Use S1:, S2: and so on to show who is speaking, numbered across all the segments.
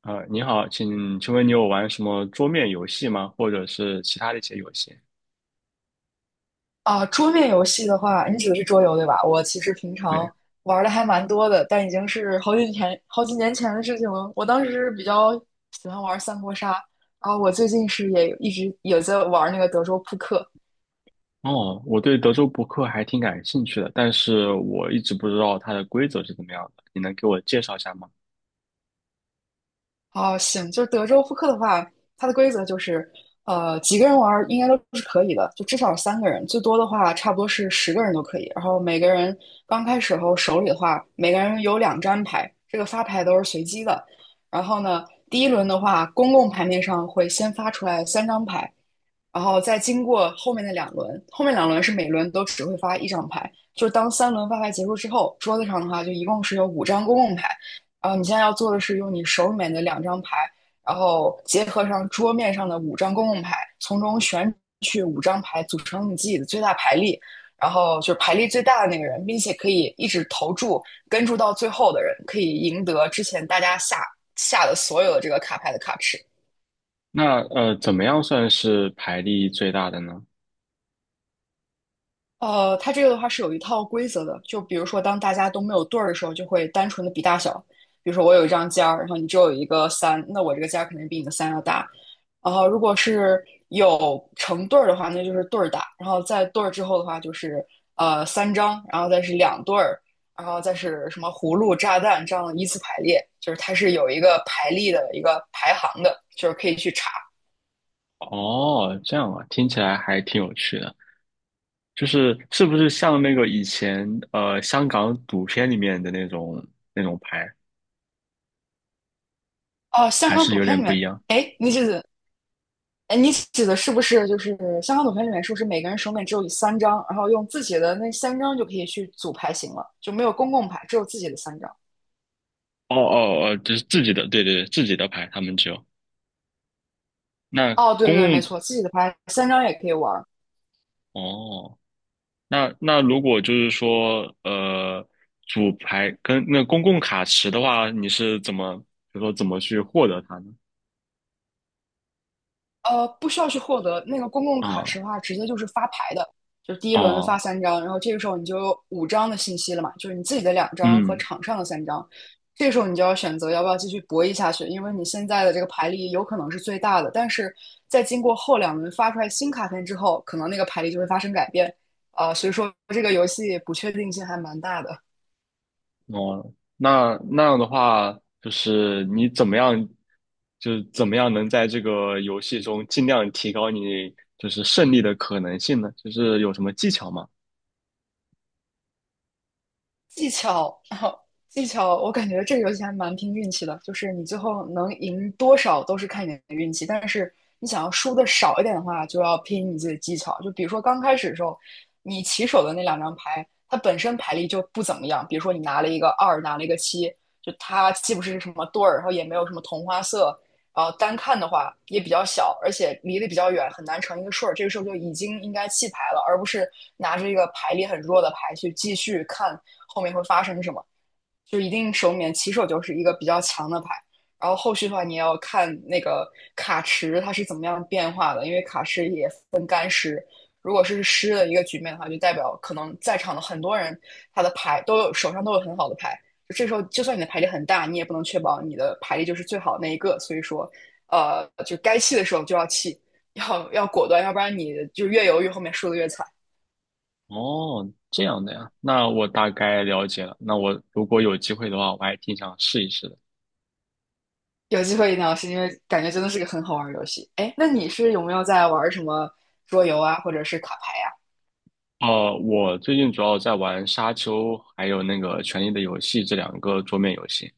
S1: 你好，请问你有玩什么桌面游戏吗？或者是其他的一些游戏？
S2: 啊，桌面游戏的话，你指的是桌游对吧？我其实平
S1: 对，
S2: 常玩的还蛮多的，但已经是好几年、好几年前的事情了。我当时是比较喜欢玩三国杀，然后我最近是也一直也在玩那个德州扑克。
S1: 哦，我对德州扑克还挺感兴趣的，但是我一直不知道它的规则是怎么样的，你能给我介绍一下吗？
S2: 哦，行，就是德州扑克的话，它的规则就是，几个人玩儿应该都是可以的，就至少三个人，最多的话差不多是十个人都可以。然后每个人刚开始后手里的话，每个人有两张牌，这个发牌都是随机的。然后呢，第一轮的话，公共牌面上会先发出来三张牌，然后再经过后面的两轮，后面两轮是每轮都只会发一张牌。就是当三轮发牌结束之后，桌子上的话就一共是有五张公共牌。然后你现在要做的是用你手里面的两张牌，然后结合上桌面上的五张公共牌，从中选取五张牌组成你自己的最大牌力，然后就是牌力最大的那个人，并且可以一直投注跟注到最后的人，可以赢得之前大家下的所有的这个卡牌的卡池。
S1: 那怎么样算是牌力最大的呢？
S2: 它这个的话是有一套规则的，就比如说，当大家都没有对儿的时候，就会单纯的比大小。比如说，我有一张尖儿，然后你只有一个三，那我这个尖儿肯定比你的三要大。然后，如果是有成对儿的话，那就是对儿大。然后在对儿之后的话，就是三张，然后再是两对儿，然后再是什么葫芦、炸弹这样的依次排列，就是它是有一个排列的一个排行的，就是可以去查。
S1: 哦，这样啊，听起来还挺有趣的。就是是不是像那个以前香港赌片里面的那种牌，
S2: 哦、像香
S1: 还
S2: 港
S1: 是
S2: 赌
S1: 有
S2: 片
S1: 点
S2: 里
S1: 不一
S2: 面，
S1: 样？
S2: 哎，那就是哎，你指的是不是就是香港赌牌里面是不是每个人手里面只有三张，然后用自己的那三张就可以去组牌型了，就没有公共牌，只有自己的三张。
S1: 哦哦哦，就是自己的，对对对，自己的牌，他们只有。那
S2: 哦，对
S1: 公
S2: 对，没
S1: 共
S2: 错，自己的牌三张也可以玩。
S1: 哦，那如果就是说，主牌跟那公共卡池的话，你是怎么，比如说怎么去获得它呢？
S2: 不需要去获得那个公共卡
S1: 啊
S2: 池的话，直接就是发牌的，就是第一轮发
S1: 哦，
S2: 三张，然后这个时候你就有五张的信息了嘛，就是你自己的两张和
S1: 嗯
S2: 场上的三张，这个时候你就要选择要不要继续博弈下去，因为你现在的这个牌力有可能是最大的，但是在经过后两轮发出来新卡片之后，可能那个牌力就会发生改变，所以说这个游戏不确定性还蛮大的。
S1: 哦，那样的话，就是你怎么样，就是怎么样能在这个游戏中尽量提高你就是胜利的可能性呢？就是有什么技巧吗？
S2: 技巧，然后技巧，我感觉这个游戏还蛮拼运气的，就是你最后能赢多少都是看你的运气，但是你想要输的少一点的话，就要拼你自己的技巧。就比如说刚开始的时候，你起手的那两张牌，它本身牌力就不怎么样，比如说你拿了一个二，拿了一个七，就它既不是什么对儿，然后也没有什么同花色，单看的话也比较小，而且离得比较远，很难成一个顺儿。这个时候就已经应该弃牌了，而不是拿着一个牌力很弱的牌去继续看后面会发生什么。就一定手里面起手就是一个比较强的牌，然后后续的话你也要看那个卡池它是怎么样变化的，因为卡池也分干湿。如果是湿的一个局面的话，就代表可能在场的很多人他的牌都有手上都有很好的牌，这时候就算你的牌力很大，你也不能确保你的牌力就是最好那一个。所以说，就该弃的时候就要弃，要果断，要不然你就越犹豫，后面输的越惨。
S1: 哦，这样的呀，那我大概了解了。那我如果有机会的话，我还挺想试一试的。
S2: 有机会一定要试，因为感觉真的是个很好玩的游戏。哎，那你是有没有在玩什么桌游啊，或者是卡牌啊？
S1: 我最近主要在玩《沙丘》还有那个《权力的游戏》这两个桌面游戏。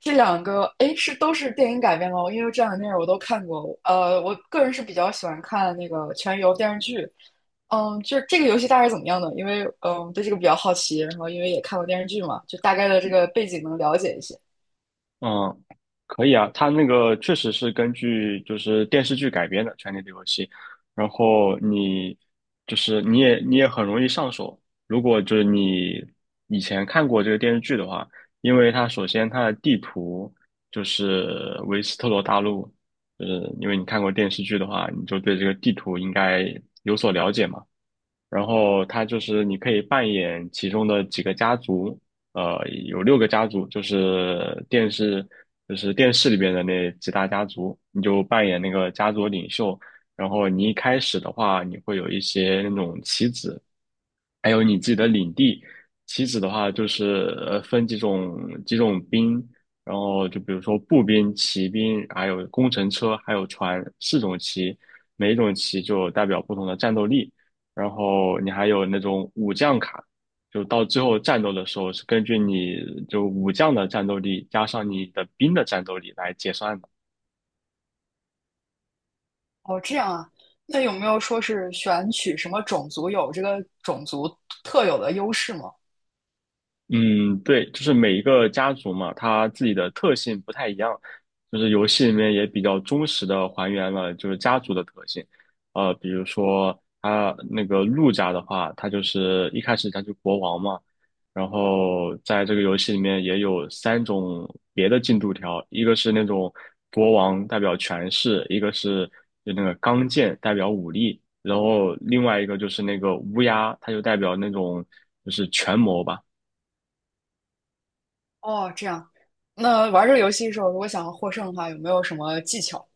S2: 这两个，诶，是都是电影改编吗？因为这两个电影我都看过。我个人是比较喜欢看那个《全游》电视剧。嗯，就是这个游戏大概是怎么样呢？因为嗯，对这个比较好奇，然后因为也看过电视剧嘛，就大概的这个背景能了解一些。
S1: 嗯，可以啊，它那个确实是根据就是电视剧改编的《权力的游戏》，然后你就是你也你也很容易上手。如果就是你以前看过这个电视剧的话，因为它首先它的地图就是维斯特罗大陆，就是因为你看过电视剧的话，你就对这个地图应该有所了解嘛。然后它就是你可以扮演其中的几个家族，呃，有六个家族，就是电视里边的那几大家族，你就扮演那个家族领袖。然后你一开始的话，你会有一些那种棋子，还有你自己的领地。棋子的话，就是分几种兵，然后就比如说步兵、骑兵，还有工程车，还有船，四种棋，每一种棋就代表不同的战斗力。然后你还有那种武将卡，就到最后战斗的时候是根据你就武将的战斗力加上你的兵的战斗力来结算的。
S2: 哦，这样啊。那有没有说是选取什么种族有这个种族特有的优势吗？
S1: 嗯，对，就是每一个家族嘛，它自己的特性不太一样，就是游戏里面也比较忠实的还原了就是家族的特性，比如说他那个陆家的话，他就是一开始他就国王嘛，然后在这个游戏里面也有三种别的进度条，一个是那种国王代表权势，一个是就那个钢剑代表武力，然后另外一个就是那个乌鸦，它就代表那种就是权谋吧。
S2: 哦，这样。那玩这个游戏的时候，如果想要获胜的话，有没有什么技巧？哎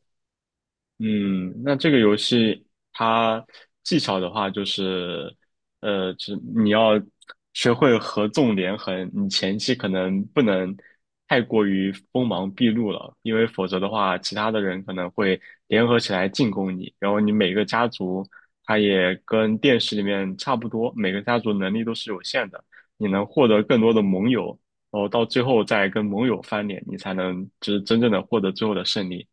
S1: 嗯，那这个游戏它技巧的话，就是，就是你要学会合纵连横，你前期可能不能太过于锋芒毕露了，因为否则的话，其他的人可能会联合起来进攻你，然后你每个家族，它也跟电视里面差不多，每个家族能力都是有限的，你能获得更多的盟友，然后到最后再跟盟友翻脸，你才能就是真正的获得最后的胜利。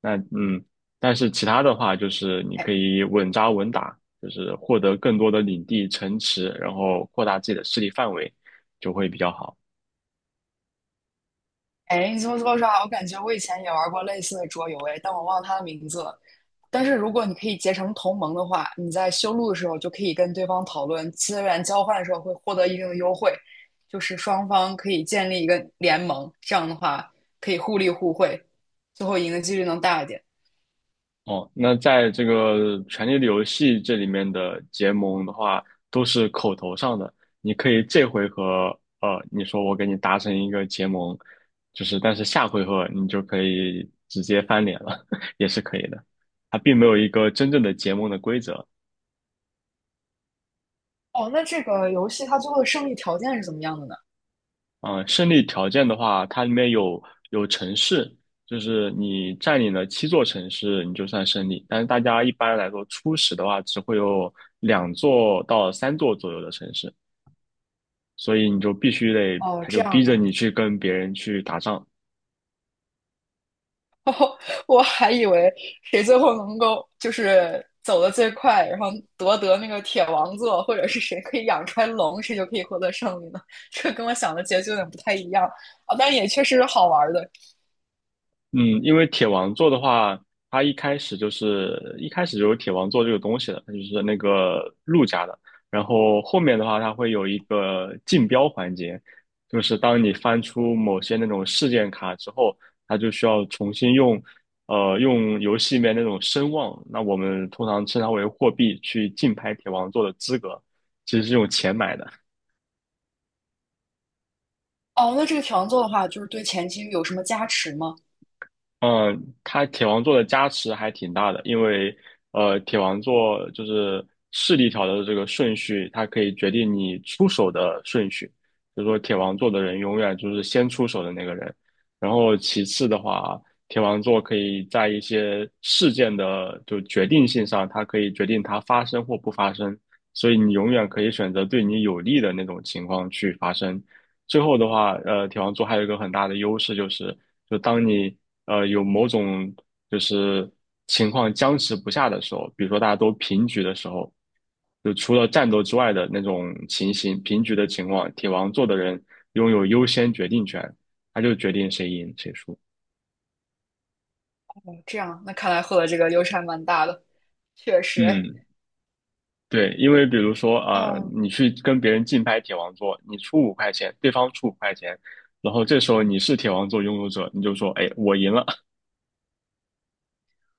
S1: 那但是其他的话，就是你可以稳扎稳打，就是获得更多的领地、城池，然后扩大自己的势力范围，就会比较好。
S2: 哎，你这么说啥？我感觉我以前也玩过类似的桌游，哎，但我忘了它的名字了。但是如果你可以结成同盟的话，你在修路的时候就可以跟对方讨论资源交换的时候会获得一定的优惠，就是双方可以建立一个联盟，这样的话可以互利互惠，最后赢的几率能大一点。
S1: 哦，那在这个《权力的游戏》这里面的结盟的话，都是口头上的。你可以这回合，你说我给你达成一个结盟，就是但是下回合你就可以直接翻脸了，也是可以的。它并没有一个真正的结盟的规则。
S2: 哦，那这个游戏它最后的胜利条件是怎么样的呢？
S1: 嗯，胜利条件的话，它里面有城市，就是你占领了七座城市，你就算胜利。但是大家一般来说，初始的话只会有两座到三座左右的城市，所以你就必须得，
S2: 哦，
S1: 他就
S2: 这
S1: 逼着
S2: 样
S1: 你去跟别人去打仗。
S2: 我还以为谁最后能够就是走得最快，然后夺得那个铁王座，或者是谁可以养出来龙，谁就可以获得胜利呢？这跟我想的结局有点不太一样啊，但也确实是好玩的
S1: 嗯，因为铁王座的话，它一开始就有铁王座这个东西的，它就是那个陆家的。然后后面的话，它会有一个竞标环节，就是当你翻出某些那种事件卡之后，它就需要重新用，用游戏里面那种声望，那我们通常称它为货币，去竞拍铁王座的资格，其实是用钱买的。
S2: 哦。那这个铁王座的话，就是对前期有什么加持吗？
S1: 嗯，它铁王座的加持还挺大的，因为铁王座就是势力条的这个顺序，它可以决定你出手的顺序。就是说，铁王座的人永远就是先出手的那个人。然后其次的话，铁王座可以在一些事件的就决定性上，它可以决定它发生或不发生。所以你永远可以选择对你有利的那种情况去发生。最后的话，铁王座还有一个很大的优势就是。就当你有某种就是情况僵持不下的时候，比如说大家都平局的时候，就除了战斗之外的那种情形，平局的情况，铁王座的人拥有优先决定权，他就决定谁赢谁输。
S2: 这样，那看来获得这个优势还蛮大的，确实哎。
S1: 嗯，对，因为比如说啊、
S2: 哦
S1: 你去跟别人竞拍铁王座，你出五块钱，对方出五块钱，然后这时候你是铁王座拥有者，你就说，哎，我赢了，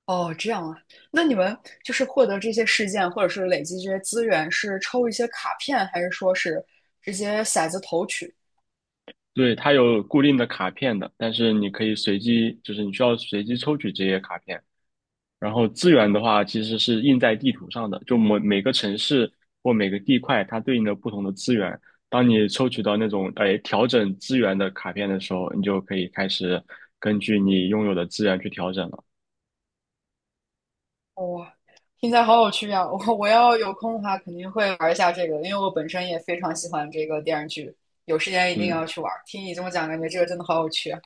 S2: 哦，这样啊。那你们就是获得这些事件，或者是累积这些资源，是抽一些卡片，还是说是直接骰子投取？
S1: 对，它有固定的卡片的，但是你可以随机，就是你需要随机抽取这些卡片。然后资源的话，其实是印在地图上的，就每个城市或每个地块，它对应的不同的资源。当你抽取到那种调整资源的卡片的时候，你就可以开始根据你拥有的资源去调整了。
S2: 哇，听起来好有趣啊！我要有空的话，肯定会玩一下这个，因为我本身也非常喜欢这个电视剧，有时间一定要
S1: 嗯
S2: 去玩儿听你这么讲，感觉这个真的好有趣啊。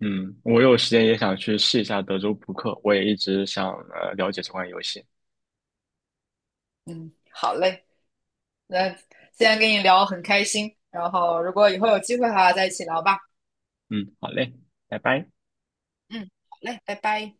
S1: 嗯，我有时间也想去试一下德州扑克，我也一直想了解这款游戏。
S2: 嗯，好嘞，那今天跟你聊很开心，然后如果以后有机会的话，再一起聊吧。
S1: 嗯，好嘞，拜拜。
S2: 嗯，好嘞，拜拜。